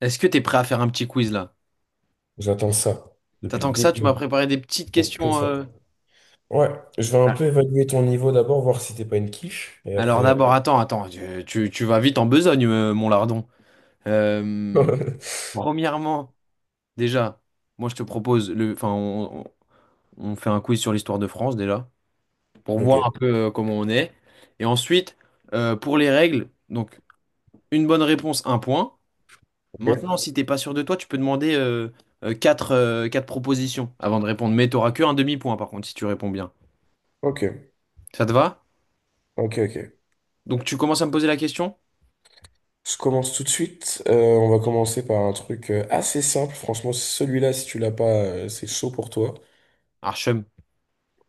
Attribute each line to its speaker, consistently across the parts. Speaker 1: Est-ce que t'es prêt à faire un petit quiz là?
Speaker 2: J'attends ça. Depuis le
Speaker 1: T'attends que ça,
Speaker 2: début,
Speaker 1: tu m'as préparé des petites
Speaker 2: j'attends que
Speaker 1: questions.
Speaker 2: ça. Ouais, je vais un
Speaker 1: Ah.
Speaker 2: peu évaluer ton niveau d'abord, voir si t'es pas une quiche, et
Speaker 1: Alors
Speaker 2: après.
Speaker 1: d'abord, attends, attends, tu vas vite en besogne, mon lardon. Euh, Premièrement, déjà, moi je te propose le, enfin, on fait un quiz sur l'histoire de France déjà pour voir un
Speaker 2: Ok,
Speaker 1: peu comment on est. Et ensuite, pour les règles, donc une bonne réponse, un point. Maintenant,
Speaker 2: ok,
Speaker 1: si t'es pas sûr de toi, tu peux demander quatre, quatre propositions avant de répondre. Mais t'auras que un demi-point par contre si tu réponds bien.
Speaker 2: ok,
Speaker 1: Ça te va?
Speaker 2: ok, ok.
Speaker 1: Donc tu commences à me poser la question?
Speaker 2: Je commence tout de suite. On va commencer par un truc assez simple. Franchement, celui-là, si tu l'as pas, c'est chaud pour toi.
Speaker 1: Archem.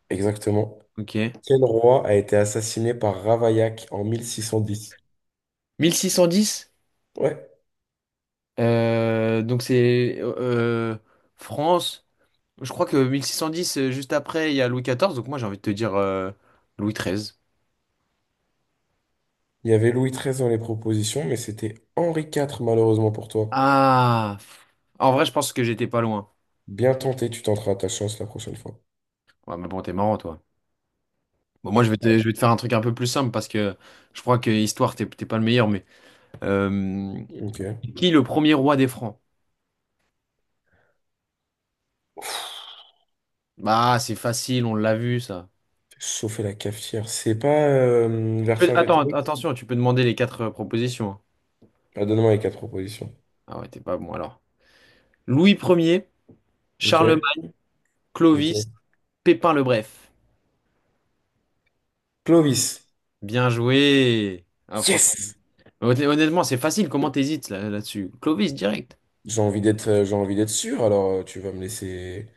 Speaker 2: Exactement.
Speaker 1: Ok.
Speaker 2: Quel roi a été assassiné par Ravaillac en 1610?
Speaker 1: 1610?
Speaker 2: Ouais,
Speaker 1: Donc c'est France. Je crois que 1610, juste après, il y a Louis XIV. Donc moi, j'ai envie de te dire Louis XIII.
Speaker 2: il y avait Louis XIII dans les propositions, mais c'était Henri IV, malheureusement pour toi.
Speaker 1: Ah! pff. En vrai, je pense que j'étais pas loin.
Speaker 2: Bien tenté, tu tenteras ta chance la prochaine fois.
Speaker 1: Ouais, mais bon, t'es marrant, toi. Bon, moi,
Speaker 2: Ouais.
Speaker 1: je vais te faire un truc un peu plus simple parce que je crois que histoire, t'es pas le meilleur, mais... euh,
Speaker 2: Ok.
Speaker 1: qui est le premier roi des Francs? Bah, c'est facile, on l'a vu, ça.
Speaker 2: Chauffer la cafetière. C'est pas
Speaker 1: Tu peux... Attends,
Speaker 2: Vercingétorix?
Speaker 1: attention, tu peux demander les quatre propositions, hein.
Speaker 2: Ah, donne-moi les quatre propositions.
Speaker 1: Ah ouais, t'es pas bon alors. Louis Ier,
Speaker 2: Ok.
Speaker 1: Charlemagne,
Speaker 2: Ok.
Speaker 1: Clovis, Pépin le Bref.
Speaker 2: Clovis.
Speaker 1: Bien joué. Ah, franchement.
Speaker 2: Yes!
Speaker 1: Honnêtement, c'est facile. Comment t'hésites là, là-dessus? Clovis, direct.
Speaker 2: J'ai envie d'être sûr, alors, tu vas me laisser.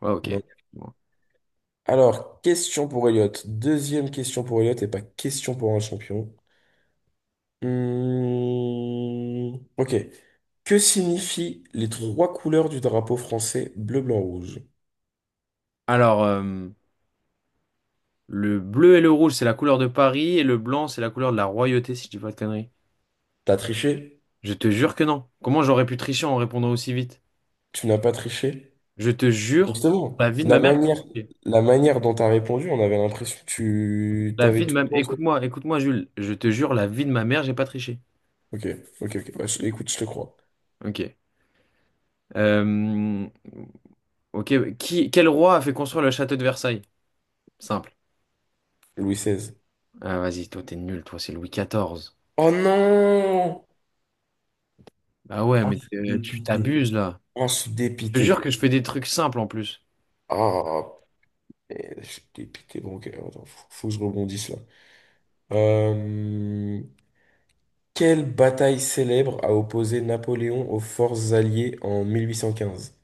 Speaker 1: Ouais, ok.
Speaker 2: Non.
Speaker 1: Bon.
Speaker 2: Alors, question pour Elliot. Deuxième question pour Elliot et pas question pour un champion. Hmm. Ok. Que signifient les trois couleurs du drapeau français bleu, blanc, rouge?
Speaker 1: Alors, le bleu et le rouge, c'est la couleur de Paris et le blanc, c'est la couleur de la royauté, si je dis pas de conneries.
Speaker 2: T'as triché?
Speaker 1: Je te jure que non. Comment j'aurais pu tricher en répondant aussi vite?
Speaker 2: Tu n'as pas triché?
Speaker 1: Je te jure,
Speaker 2: Justement,
Speaker 1: la vie de ma mère.
Speaker 2: la manière dont tu as répondu, on avait l'impression que tu
Speaker 1: La vie
Speaker 2: t'avais
Speaker 1: de
Speaker 2: tout
Speaker 1: ma...
Speaker 2: en toi.
Speaker 1: Écoute-moi, écoute-moi, Jules. Je te jure, la vie de ma mère, j'ai pas triché.
Speaker 2: Ok, ok, ok. Bah, écoute, je te crois.
Speaker 1: Ok. Euh, Ok, quel roi a fait construire le château de Versailles? Simple.
Speaker 2: Louis XVI.
Speaker 1: Ah, vas-y, toi, t'es nul, toi, c'est Louis XIV.
Speaker 2: Oh non!
Speaker 1: Ah ouais,
Speaker 2: Ah,
Speaker 1: mais
Speaker 2: je suis
Speaker 1: tu
Speaker 2: dépité.
Speaker 1: t'abuses, là.
Speaker 2: Ah, je suis
Speaker 1: Je te jure
Speaker 2: dépité.
Speaker 1: que je fais des trucs simples, en plus.
Speaker 2: Ah, punaise, je suis dépité. Bon, ok, attends, faut que je rebondisse là. Euh, Quelle bataille célèbre a opposé Napoléon aux forces alliées en 1815?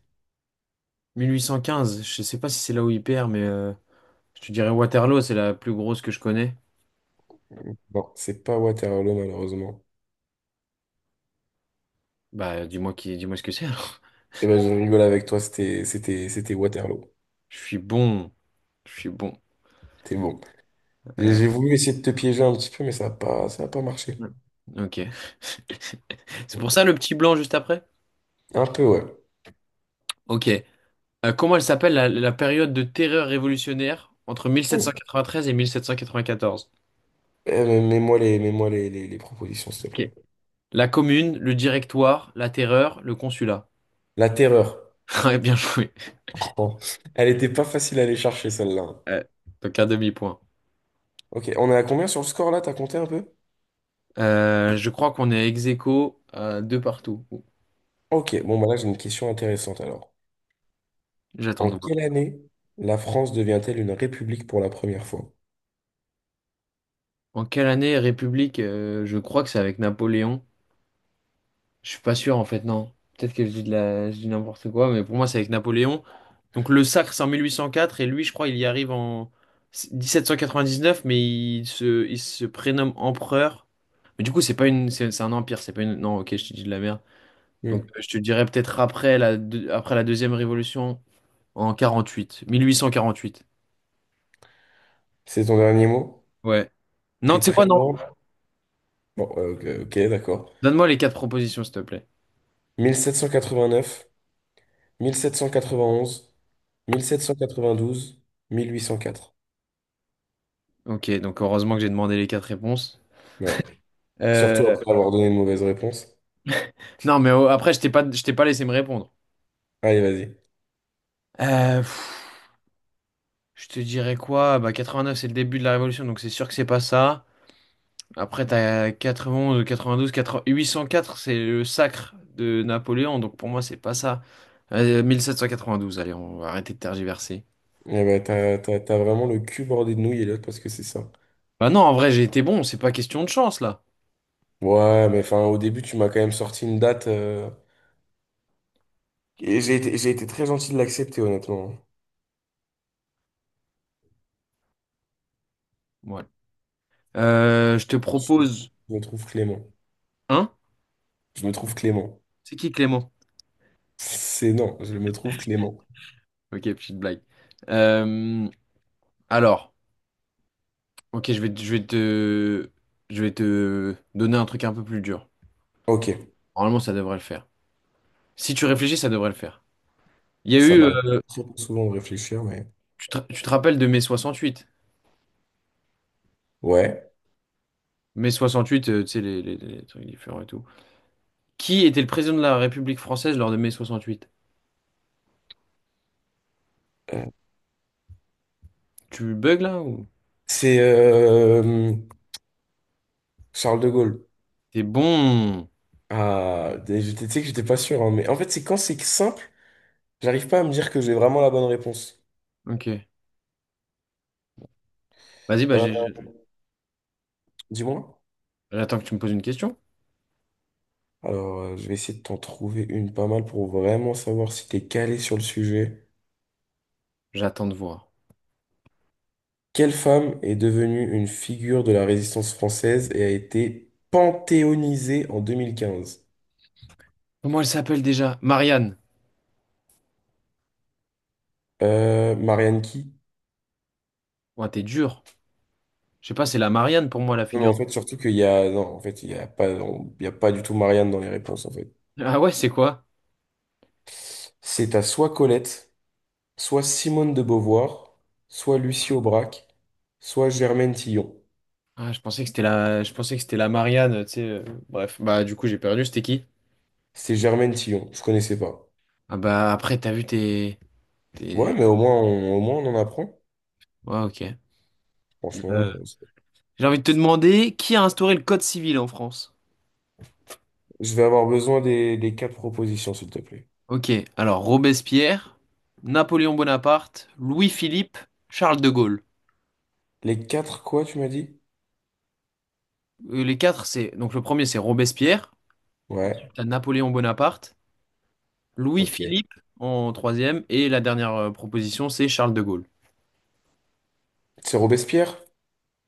Speaker 1: 1815, je sais pas si c'est là où il perd, mais je te dirais Waterloo, c'est la plus grosse que je connais.
Speaker 2: Non, c'est pas Waterloo, malheureusement.
Speaker 1: Bah, dis-moi ce que c'est, alors.
Speaker 2: Eh ben, je rigole avec toi, c'était Waterloo.
Speaker 1: Je suis bon, je suis bon.
Speaker 2: T'es bon.
Speaker 1: Euh,
Speaker 2: J'ai voulu essayer de te piéger un petit peu, mais ça a pas marché.
Speaker 1: ok. C'est pour
Speaker 2: Mm.
Speaker 1: ça le petit blanc juste après?
Speaker 2: Un peu, ouais.
Speaker 1: Ok. Comment elle s'appelle la période de terreur révolutionnaire entre
Speaker 2: Mm.
Speaker 1: 1793 et 1794?
Speaker 2: Eh, mais les propositions, s'il te plaît.
Speaker 1: La commune, le directoire, la terreur, le consulat.
Speaker 2: La terreur.
Speaker 1: Ouais, bien joué.
Speaker 2: Bon. Elle était pas facile à aller chercher, celle-là.
Speaker 1: Euh, donc un demi-point.
Speaker 2: Ok, on est à combien sur le score, là? T'as compté un peu?
Speaker 1: Je crois qu'on est ex aequo à deux partout. Ouh.
Speaker 2: Ok, bon, bah là, j'ai une question intéressante, alors.
Speaker 1: J'attends
Speaker 2: En
Speaker 1: de voir.
Speaker 2: quelle année la France devient-elle une république pour la première fois?
Speaker 1: En quelle année République? Je crois que c'est avec Napoléon. Je suis pas sûr en fait, non. Peut-être que je dis n'importe quoi, mais pour moi c'est avec Napoléon. Donc le sacre c'est en 1804 et lui je crois il y arrive en 1799, mais il se prénomme empereur. Mais du coup c'est pas une, c'est un empire, c'est pas une. Non, ok, je te dis de la merde. Donc,
Speaker 2: Mm.
Speaker 1: je te dirais peut-être après la deuxième révolution en 48, 1848.
Speaker 2: C'est ton dernier mot?
Speaker 1: Ouais. Non,
Speaker 2: T'es
Speaker 1: tu sais quoi,
Speaker 2: très
Speaker 1: non.
Speaker 2: loin? Bon, ok, ok, d'accord.
Speaker 1: Donne-moi les quatre propositions, s'il te plaît.
Speaker 2: 1789, mille sept cent quatre-vingt-onze, quatre-vingt-douze, 1804.
Speaker 1: Ok, donc heureusement que j'ai demandé les quatre réponses.
Speaker 2: Ouais. Surtout
Speaker 1: Euh,
Speaker 2: après avoir donné une mauvaise réponse.
Speaker 1: Non, mais oh, après, je t'ai pas laissé me répondre.
Speaker 2: Allez, vas-y.
Speaker 1: Euh, pff, je te dirais quoi? Bah, 89, c'est le début de la Révolution, donc c'est sûr que c'est pas ça. Après, t'as 91, 92, 80 804, c'est le sacre de Napoléon, donc pour moi, c'est pas ça. 1792, allez, on va arrêter de tergiverser.
Speaker 2: Eh ben, t'as vraiment le cul bordé de nouilles, l'autre parce que c'est ça.
Speaker 1: Bah non, en vrai, j'ai été bon, c'est pas question de chance là.
Speaker 2: Ouais, mais enfin, au début, tu m'as quand même sorti une date. Et j'ai été très gentil de l'accepter, honnêtement.
Speaker 1: Voilà. Je te propose
Speaker 2: Je me trouve clément.
Speaker 1: un.
Speaker 2: Je me trouve clément.
Speaker 1: C'est qui Clément?
Speaker 2: C'est non, je me trouve clément.
Speaker 1: Ok, petite blague. Euh, alors, ok, je vais te donner un truc un peu plus dur.
Speaker 2: Ok,
Speaker 1: Normalement, ça devrait le faire. Si tu réfléchis, ça devrait le faire. Il y a
Speaker 2: ça
Speaker 1: eu,
Speaker 2: m'arrive très souvent de réfléchir, mais...
Speaker 1: tu te rappelles de mai 68.
Speaker 2: Ouais.
Speaker 1: Mai 68, tu sais, les trucs différents et tout. Qui était le président de la République française lors de mai 68?
Speaker 2: Euh,
Speaker 1: Tu bugs là ou?
Speaker 2: C'est Charles de Gaulle.
Speaker 1: T'es bon.
Speaker 2: Ah, et tu sais que j'étais pas sûr, hein, mais en fait, c'est quand c'est simple, j'arrive pas à me dire que j'ai vraiment la bonne réponse.
Speaker 1: Ok. Vas-y, bah
Speaker 2: Euh,
Speaker 1: j'ai.
Speaker 2: Dis-moi.
Speaker 1: J'attends que tu me poses une question.
Speaker 2: Alors, je vais essayer de t'en trouver une pas mal pour vraiment savoir si t'es calé sur le sujet.
Speaker 1: J'attends de voir.
Speaker 2: Quelle femme est devenue une figure de la résistance française et a été panthéonisée en 2015?
Speaker 1: Comment elle s'appelle déjà? Marianne.
Speaker 2: Marianne qui?
Speaker 1: Ouais, t'es dur. Je sais pas, c'est la Marianne pour moi, la
Speaker 2: Non, mais en
Speaker 1: figure.
Speaker 2: fait, surtout qu'non, en fait, il y a pas, il y a pas du tout Marianne dans les réponses, en fait.
Speaker 1: Ah ouais, c'est quoi?
Speaker 2: C'est à soit Colette, soit Simone de Beauvoir, soit Lucie Aubrac, soit Germaine Tillon.
Speaker 1: Ah, je pensais que c'était la... je pensais que c'était la Marianne, tu sais. Bref, bah du coup, j'ai perdu. C'était qui?
Speaker 2: C'était Germaine Tillon, je connaissais pas.
Speaker 1: Ah bah après, t'as vu tes...
Speaker 2: Ouais,
Speaker 1: tes-
Speaker 2: mais au moins on en apprend.
Speaker 1: Ouais, ok. Euh,
Speaker 2: Franchement,
Speaker 1: J'ai envie de te demander, qui a instauré le code civil en France?
Speaker 2: je vais avoir besoin des quatre propositions, s'il te plaît.
Speaker 1: Ok, alors Robespierre, Napoléon Bonaparte, Louis-Philippe, Charles de Gaulle.
Speaker 2: Les quatre quoi, tu m'as dit?
Speaker 1: Les quatre, c'est... Donc le premier, c'est Robespierre.
Speaker 2: Ouais,
Speaker 1: T'as Napoléon Bonaparte.
Speaker 2: ok.
Speaker 1: Louis-Philippe en troisième. Et la dernière proposition, c'est Charles de Gaulle.
Speaker 2: C'est Robespierre?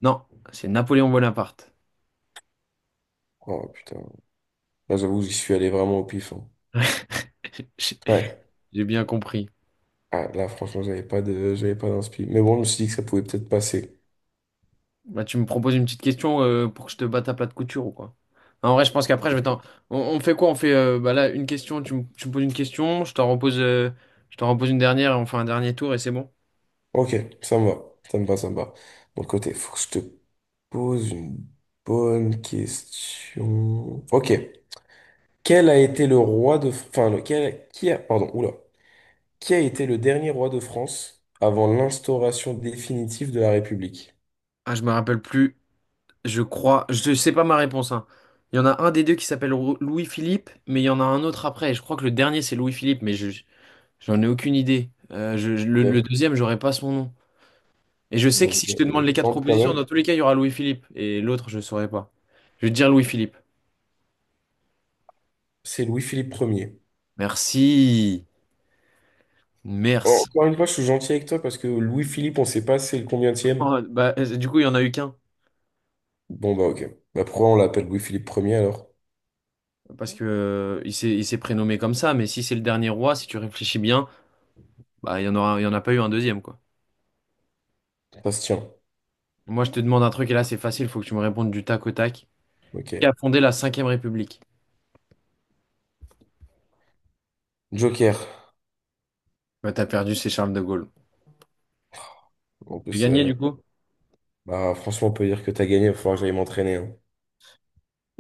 Speaker 1: Non, c'est Napoléon Bonaparte.
Speaker 2: Oh putain. Là, j'avoue, j'y suis allé vraiment au pif, hein.
Speaker 1: J'ai
Speaker 2: Ouais.
Speaker 1: j'ai bien compris.
Speaker 2: Ah, là, franchement, j'avais pas d'inspi. Mais bon, je me suis dit que ça pouvait peut-être passer.
Speaker 1: Bah, tu me proposes une petite question pour que je te batte à plat de couture ou quoi? En vrai, je pense qu'après, je vais t'en... On fait quoi? On fait bah là une question, tu me poses une question, je t'en repose une dernière et on fait un dernier tour et c'est bon.
Speaker 2: Ok, ça me va. Ça me va, ça me va. Bon, côté, faut que je te pose une bonne question. Ok. Quel a été le roi de... Pardon, oula. Qui a été le dernier roi de France avant l'instauration définitive de la République?
Speaker 1: Ah, je me rappelle plus. Je crois, je sais pas ma réponse, hein. Il y en a un des deux qui s'appelle Louis-Philippe, mais il y en a un autre après. Et je crois que le dernier c'est Louis-Philippe, mais j'en ai aucune idée. Le
Speaker 2: Ok.
Speaker 1: deuxième, j'aurais pas son nom. Et je sais que si
Speaker 2: Ok.
Speaker 1: je te demande les
Speaker 2: Je
Speaker 1: quatre
Speaker 2: pense quand
Speaker 1: propositions, dans
Speaker 2: même.
Speaker 1: tous les cas, il y aura Louis-Philippe. Et l'autre, je saurais pas. Je vais te dire Louis-Philippe.
Speaker 2: C'est Louis-Philippe premier.
Speaker 1: Merci. Merci.
Speaker 2: Encore une fois, je suis gentil avec toi parce que Louis-Philippe, on ne sait pas c'est le combientième.
Speaker 1: Oh, bah, du coup, il y en a eu qu'un.
Speaker 2: Bon, bah ok. Bah, pourquoi on l'appelle Louis-Philippe premier alors?
Speaker 1: Parce que il s'est prénommé comme ça. Mais si c'est le dernier roi, si tu réfléchis bien, bah, il y en a pas eu un deuxième, quoi.
Speaker 2: Ça se tient.
Speaker 1: Moi, je te demande un truc et là, c'est facile. Il faut que tu me répondes du tac au tac.
Speaker 2: Ok.
Speaker 1: Qui a fondé la Cinquième République?
Speaker 2: Joker.
Speaker 1: Bah, t'as perdu, c'est Charles de Gaulle.
Speaker 2: En
Speaker 1: J'ai
Speaker 2: plus,
Speaker 1: gagné, du coup?
Speaker 2: bah, franchement, on peut dire que t'as gagné. Il va falloir que j'aille m'entraîner, hein.